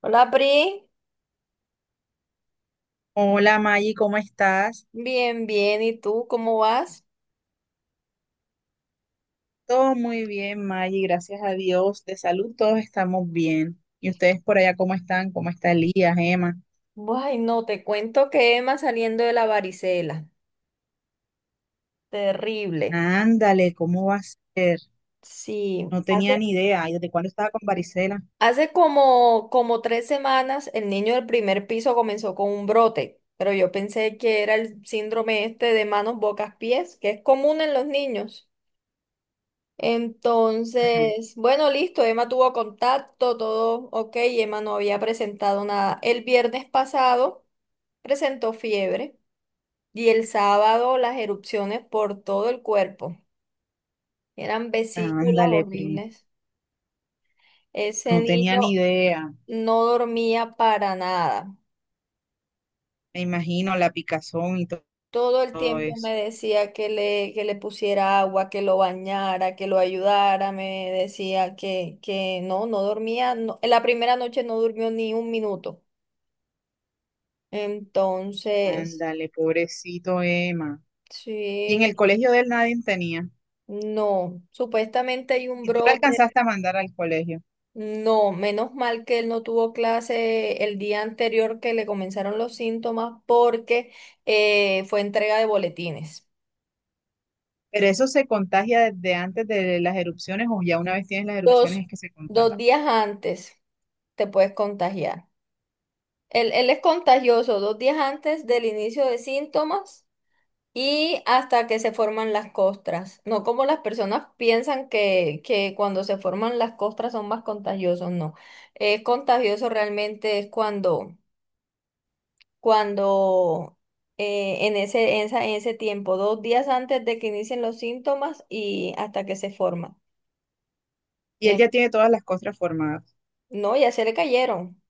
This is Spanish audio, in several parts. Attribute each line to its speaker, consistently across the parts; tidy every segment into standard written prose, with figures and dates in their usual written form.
Speaker 1: Hola, Pri.
Speaker 2: Hola, Maggie, ¿cómo estás?
Speaker 1: Bien, bien. ¿Y tú cómo vas?
Speaker 2: Todo muy bien, Maggie, gracias a Dios. De salud todos estamos bien. ¿Y ustedes por allá cómo están? ¿Cómo está Elías, Emma?
Speaker 1: Ay, no, te cuento que Emma saliendo de la varicela. Terrible.
Speaker 2: Ándale, ¿cómo va a ser?
Speaker 1: Sí.
Speaker 2: No
Speaker 1: Hace,
Speaker 2: tenía ni idea. Ay, ¿desde cuándo estaba con varicela?
Speaker 1: hace como 3 semanas el niño del primer piso comenzó con un brote, pero yo pensé que era el síndrome este de manos, bocas, pies, que es común en los niños.
Speaker 2: Ajá.
Speaker 1: Entonces, bueno, listo, Emma tuvo contacto, todo ok, Emma no había presentado nada. El viernes pasado presentó fiebre. Y el sábado las erupciones por todo el cuerpo. Eran vesículas
Speaker 2: Ándale, pri.
Speaker 1: horribles. Ese
Speaker 2: No tenía ni
Speaker 1: niño
Speaker 2: idea.
Speaker 1: no dormía para nada.
Speaker 2: Me imagino la picazón y
Speaker 1: Todo el
Speaker 2: todo
Speaker 1: tiempo me
Speaker 2: eso.
Speaker 1: decía que le pusiera agua, que lo bañara, que lo ayudara. Me decía que no dormía. En la primera noche no durmió ni un minuto. Entonces,
Speaker 2: Ándale, pobrecito Emma. Y
Speaker 1: sí,
Speaker 2: en el colegio de él nadie tenía.
Speaker 1: no. Supuestamente hay un
Speaker 2: ¿Y tú la
Speaker 1: brote.
Speaker 2: alcanzaste a mandar al colegio?
Speaker 1: No, menos mal que él no tuvo clase el día anterior que le comenzaron los síntomas porque fue entrega de boletines.
Speaker 2: Pero eso se contagia desde antes de las erupciones o ya una vez tienes las
Speaker 1: Dos,
Speaker 2: erupciones es que se contagia.
Speaker 1: 2 días antes te puedes contagiar. Él es contagioso 2 días antes del inicio de síntomas y hasta que se forman las costras. No como las personas piensan que cuando se forman las costras son más contagiosos, no. Es contagioso realmente es cuando en ese tiempo, dos días antes de que inicien los síntomas y hasta que se forma.
Speaker 2: Y él
Speaker 1: Em,
Speaker 2: ya tiene todas las costras formadas.
Speaker 1: no, ya se le cayeron,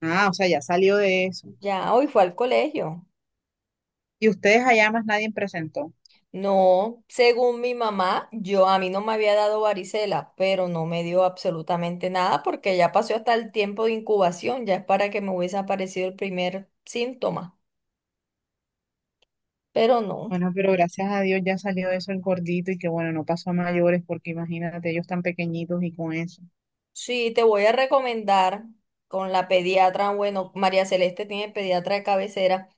Speaker 2: Ah, o sea, ya salió de eso.
Speaker 1: ya hoy fue al colegio.
Speaker 2: Y ustedes allá más nadie presentó.
Speaker 1: No, según mi mamá, yo a mí no me había dado varicela, pero no me dio absolutamente nada porque ya pasó hasta el tiempo de incubación, ya es para que me hubiese aparecido el primer síntoma, pero no.
Speaker 2: Bueno, pero gracias a Dios ya salió de eso el gordito y que bueno, no pasó a mayores porque imagínate, ellos tan pequeñitos y con eso.
Speaker 1: Sí, te voy a recomendar con la pediatra, bueno, María Celeste tiene pediatra de cabecera,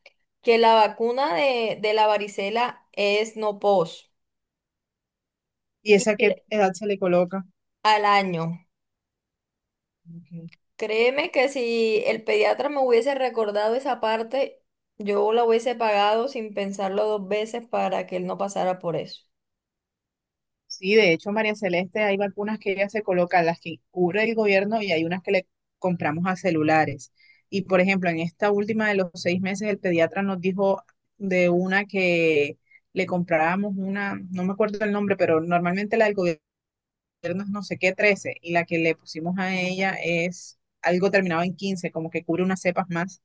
Speaker 1: que la vacuna de la varicela es no pos
Speaker 2: ¿Y
Speaker 1: y
Speaker 2: esa
Speaker 1: se
Speaker 2: qué
Speaker 1: le-
Speaker 2: edad se le coloca?
Speaker 1: al año.
Speaker 2: Ok.
Speaker 1: Créeme que si el pediatra me hubiese recordado esa parte, yo la hubiese pagado sin pensarlo dos veces para que él no pasara por eso.
Speaker 2: Sí, de hecho, María Celeste, hay vacunas que ella se colocan, las que cubre el gobierno y hay unas que le compramos a celulares. Y por ejemplo, en esta última de los seis meses, el pediatra nos dijo de una que le comprábamos una, no me acuerdo el nombre, pero normalmente la del gobierno es no sé qué, 13, y la que le pusimos a ella es algo terminado en 15, como que cubre unas cepas más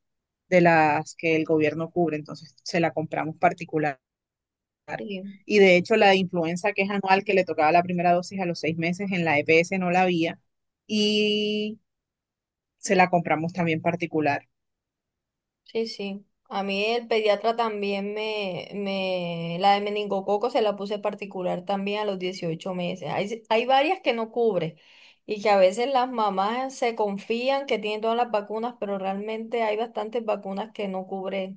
Speaker 2: de las que el gobierno cubre. Entonces, se la compramos particular
Speaker 1: Sí.
Speaker 2: y de hecho, la influenza que es anual, que le tocaba la primera dosis a los seis meses, en la EPS no la había. Y se la compramos también particular.
Speaker 1: Sí, sí. A mí el pediatra también la de meningococo se la puse particular también a los 18 meses. Hay varias que no cubre y que a veces las mamás se confían que tienen todas las vacunas, pero realmente hay bastantes vacunas que no cubre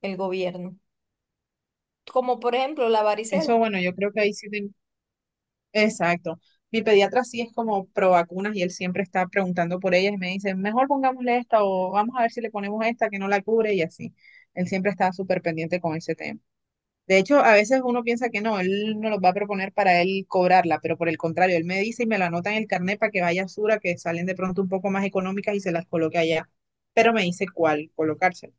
Speaker 1: el gobierno. Como por ejemplo la varicela.
Speaker 2: Eso, bueno, yo creo que ahí sí. Exacto. Mi pediatra sí es como pro vacunas y él siempre está preguntando por ellas y me dice, mejor pongámosle esta o vamos a ver si le ponemos esta que no la cubre y así. Él siempre está súper pendiente con ese tema. De hecho, a veces uno piensa que no, él no los va a proponer para él cobrarla, pero por el contrario, él me dice y me la anota en el carnet para que vaya a Sura, que salen de pronto un poco más económicas y se las coloque allá. Pero me dice cuál colocársela.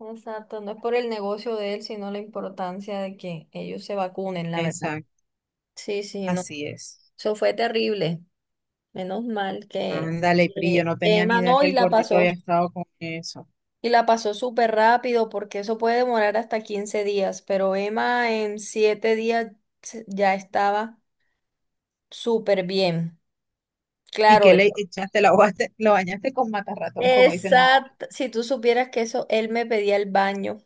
Speaker 1: Exacto, no es por el negocio de él, sino la importancia de que ellos se vacunen, la verdad.
Speaker 2: Exacto,
Speaker 1: Sí, sí, no.
Speaker 2: así es.
Speaker 1: Eso fue terrible. Menos mal que
Speaker 2: Ándale, Pri, yo no tenía ni
Speaker 1: Emma
Speaker 2: idea
Speaker 1: no,
Speaker 2: que el gordito había estado con eso.
Speaker 1: La pasó súper rápido porque eso puede demorar hasta 15 días, pero Emma en 7 días ya estaba súper bien.
Speaker 2: Y
Speaker 1: Claro,
Speaker 2: que le
Speaker 1: eso.
Speaker 2: echaste, lo bañaste con matarratón, como dicen las abuelas,
Speaker 1: Exacto. Si tú supieras que eso, él me pedía el baño.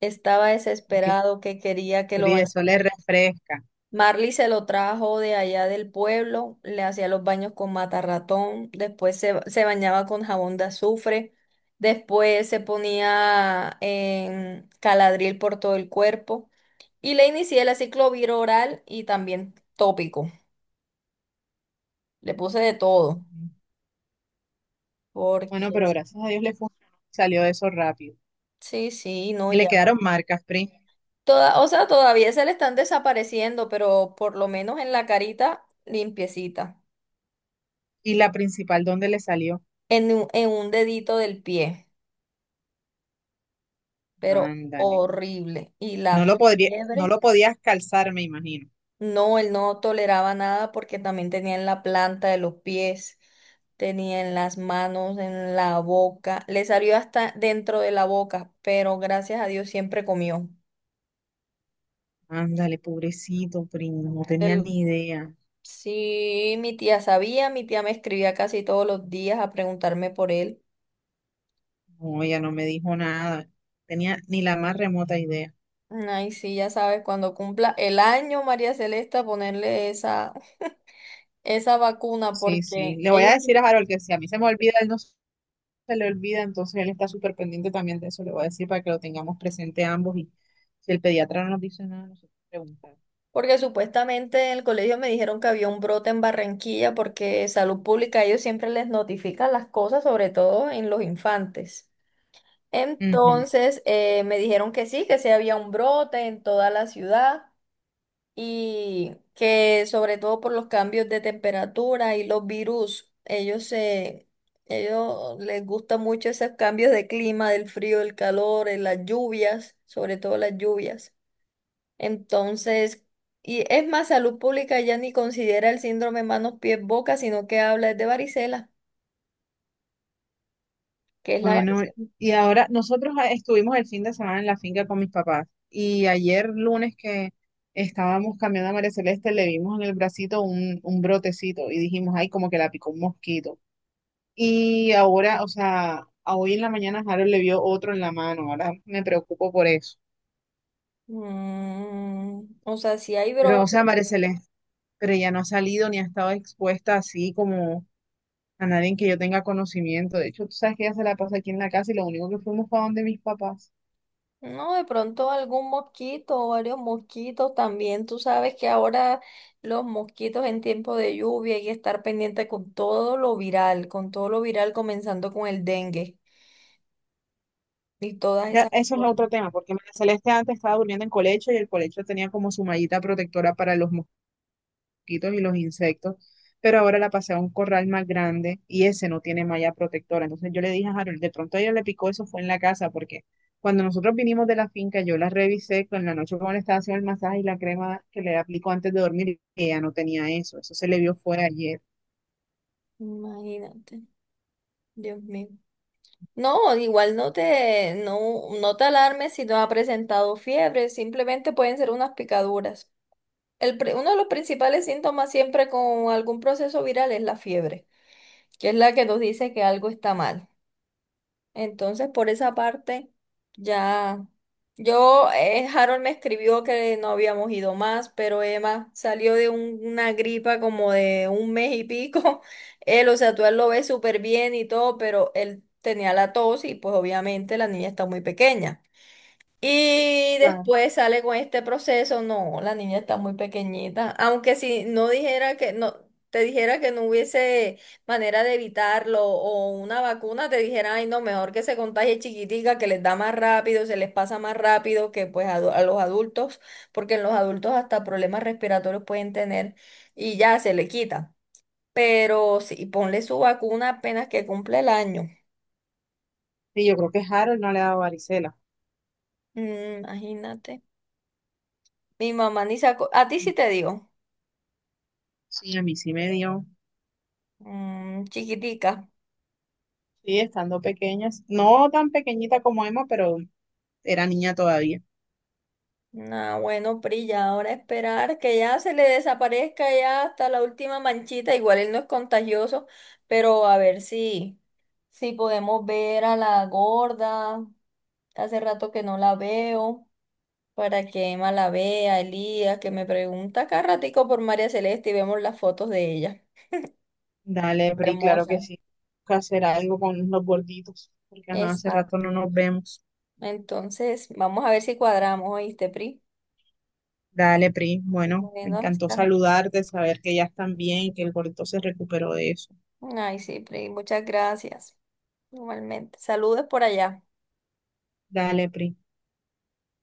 Speaker 1: Estaba
Speaker 2: porque,
Speaker 1: desesperado que quería que lo
Speaker 2: Pri,
Speaker 1: bañara.
Speaker 2: eso le refresca.
Speaker 1: Marley se lo trajo de allá del pueblo, le hacía los baños con matarratón, después se bañaba con jabón de azufre, después se ponía en caladril por todo el cuerpo. Y le inicié el ciclo viroral y también tópico. Le puse de todo.
Speaker 2: Ujú. Bueno,
Speaker 1: Porque
Speaker 2: pero gracias a Dios le funcionó, salió de eso rápido.
Speaker 1: sí, sí, no,
Speaker 2: Y
Speaker 1: y
Speaker 2: le
Speaker 1: ya. No.
Speaker 2: quedaron marcas, Pri.
Speaker 1: Toda, o sea, todavía se le están desapareciendo, pero por lo menos en la carita limpiecita.
Speaker 2: Y la principal, ¿dónde le salió?
Speaker 1: En un dedito del pie. Pero
Speaker 2: Ándale.
Speaker 1: horrible. Y
Speaker 2: Y
Speaker 1: la
Speaker 2: No
Speaker 1: fiebre.
Speaker 2: lo podías calzar, me imagino.
Speaker 1: No, él no toleraba nada porque también tenía en la planta de los pies, tenía en las manos, en la boca, le salió hasta dentro de la boca, pero gracias a Dios siempre comió.
Speaker 2: Ándale, pobrecito, primo, no tenía
Speaker 1: El
Speaker 2: ni idea.
Speaker 1: sí, mi tía sabía, mi tía me escribía casi todos los días a preguntarme por él.
Speaker 2: No, ella no me dijo nada. Tenía ni la más remota idea.
Speaker 1: Ay, sí, ya sabes, cuando cumpla el año, María Celeste, a ponerle esa vacuna
Speaker 2: Sí, sí.
Speaker 1: porque
Speaker 2: Le voy a
Speaker 1: ellos.
Speaker 2: decir a Harold que si a mí se me olvida, él no se le olvida, entonces él está súper pendiente también de eso. Le voy a decir para que lo tengamos presente ambos y si el pediatra no nos dice nada, nosotros preguntamos.
Speaker 1: Porque supuestamente en el colegio me dijeron que había un brote en Barranquilla porque Salud Pública a ellos siempre les notifican las cosas, sobre todo en los infantes. Entonces me dijeron que sí había un brote en toda la ciudad y que sobre todo por los cambios de temperatura y los virus, ellos les gusta mucho esos cambios de clima, del frío, del calor, las lluvias, sobre todo las lluvias. Entonces, y es más, salud pública ya ni considera el síndrome manos, pies, boca, sino que habla es de varicela, que es la
Speaker 2: Bueno,
Speaker 1: varicela.
Speaker 2: y ahora nosotros estuvimos el fin de semana en la finca con mis papás y ayer lunes que estábamos cambiando a María Celeste le vimos en el bracito un brotecito y dijimos, ay, como que la picó un mosquito. Y ahora, o sea, a hoy en la mañana Harold le vio otro en la mano, ahora me preocupo por eso.
Speaker 1: Mm, o sea, si hay
Speaker 2: Pero, o
Speaker 1: brote.
Speaker 2: sea, María Celeste, pero ya no ha salido ni ha estado expuesta así como a nadie que yo tenga conocimiento. De hecho, tú sabes que ella se la pasa aquí en la casa y lo único que fuimos fue a donde mis papás.
Speaker 1: No, de pronto algún mosquito o varios mosquitos también. Tú sabes que ahora los mosquitos en tiempo de lluvia hay que estar pendiente con todo lo viral, con todo lo viral comenzando con el dengue y todas
Speaker 2: Ya,
Speaker 1: esas
Speaker 2: eso es
Speaker 1: cosas.
Speaker 2: otro tema, porque María Celeste antes estaba durmiendo en colecho y el colecho tenía como su mallita protectora para los mosquitos y los insectos, pero ahora la pasé a un corral más grande y ese no tiene malla protectora. Entonces yo le dije a Harold, de pronto a ella le picó eso, fue en la casa, porque cuando nosotros vinimos de la finca, yo la revisé con la noche cuando le estaba haciendo el masaje y la crema que le aplicó antes de dormir y ella no tenía eso. Eso se le vio fue ayer.
Speaker 1: Imagínate, Dios mío. No, igual no te alarmes si no ha presentado fiebre, simplemente pueden ser unas picaduras. Uno de los principales síntomas siempre con algún proceso viral es la fiebre, que es la que nos dice que algo está mal. Entonces, por esa parte, ya. Yo, Harold me escribió que no habíamos ido más, pero Emma salió de una gripa como de 1 mes y pico. Él, o sea, tú a él lo ves súper bien y todo, pero él tenía la tos y pues obviamente la niña está muy pequeña. Y
Speaker 2: Claro.
Speaker 1: después sale con este proceso, no, la niña está muy pequeñita, aunque si no dijera que no, te dijera que no hubiese manera de evitarlo o una vacuna, te dijera, ay, no, mejor que se contagie chiquitica, que les da más rápido, se les pasa más rápido que pues a los adultos, porque en los adultos hasta problemas respiratorios pueden tener y ya se le quita. Pero sí, ponle su vacuna apenas que cumple el año.
Speaker 2: Y yo creo que Harold no le ha dado varicela.
Speaker 1: Mm, imagínate. Mi mamá ni sacó, a ti sí te digo.
Speaker 2: Sí, a mí sí me dio.
Speaker 1: Mm, chiquitica.
Speaker 2: Sí, estando pequeñas. No tan pequeñita como Emma, pero era niña todavía.
Speaker 1: Nah, bueno, Pri, ya ahora esperar que ya se le desaparezca ya hasta la última manchita. Igual él no es contagioso, pero a ver si podemos ver a la gorda. Hace rato que no la veo. Para que Emma la vea, Elías, que me pregunta cada ratico por María Celeste y vemos las fotos de ella.
Speaker 2: Dale, Pri, claro que
Speaker 1: Hermosa.
Speaker 2: sí. Toca hacer algo con los gorditos, porque ajá, hace rato
Speaker 1: Exacto.
Speaker 2: no nos vemos.
Speaker 1: Entonces, vamos a ver si cuadramos, ¿oíste, Pri?
Speaker 2: Dale, Pri. Bueno, me
Speaker 1: Bueno,
Speaker 2: encantó
Speaker 1: hasta.
Speaker 2: saludarte, saber que ya están bien, que el gordito se recuperó de eso.
Speaker 1: Ay, sí, Pri, muchas gracias. Igualmente. Saludos por allá.
Speaker 2: Dale, Pri.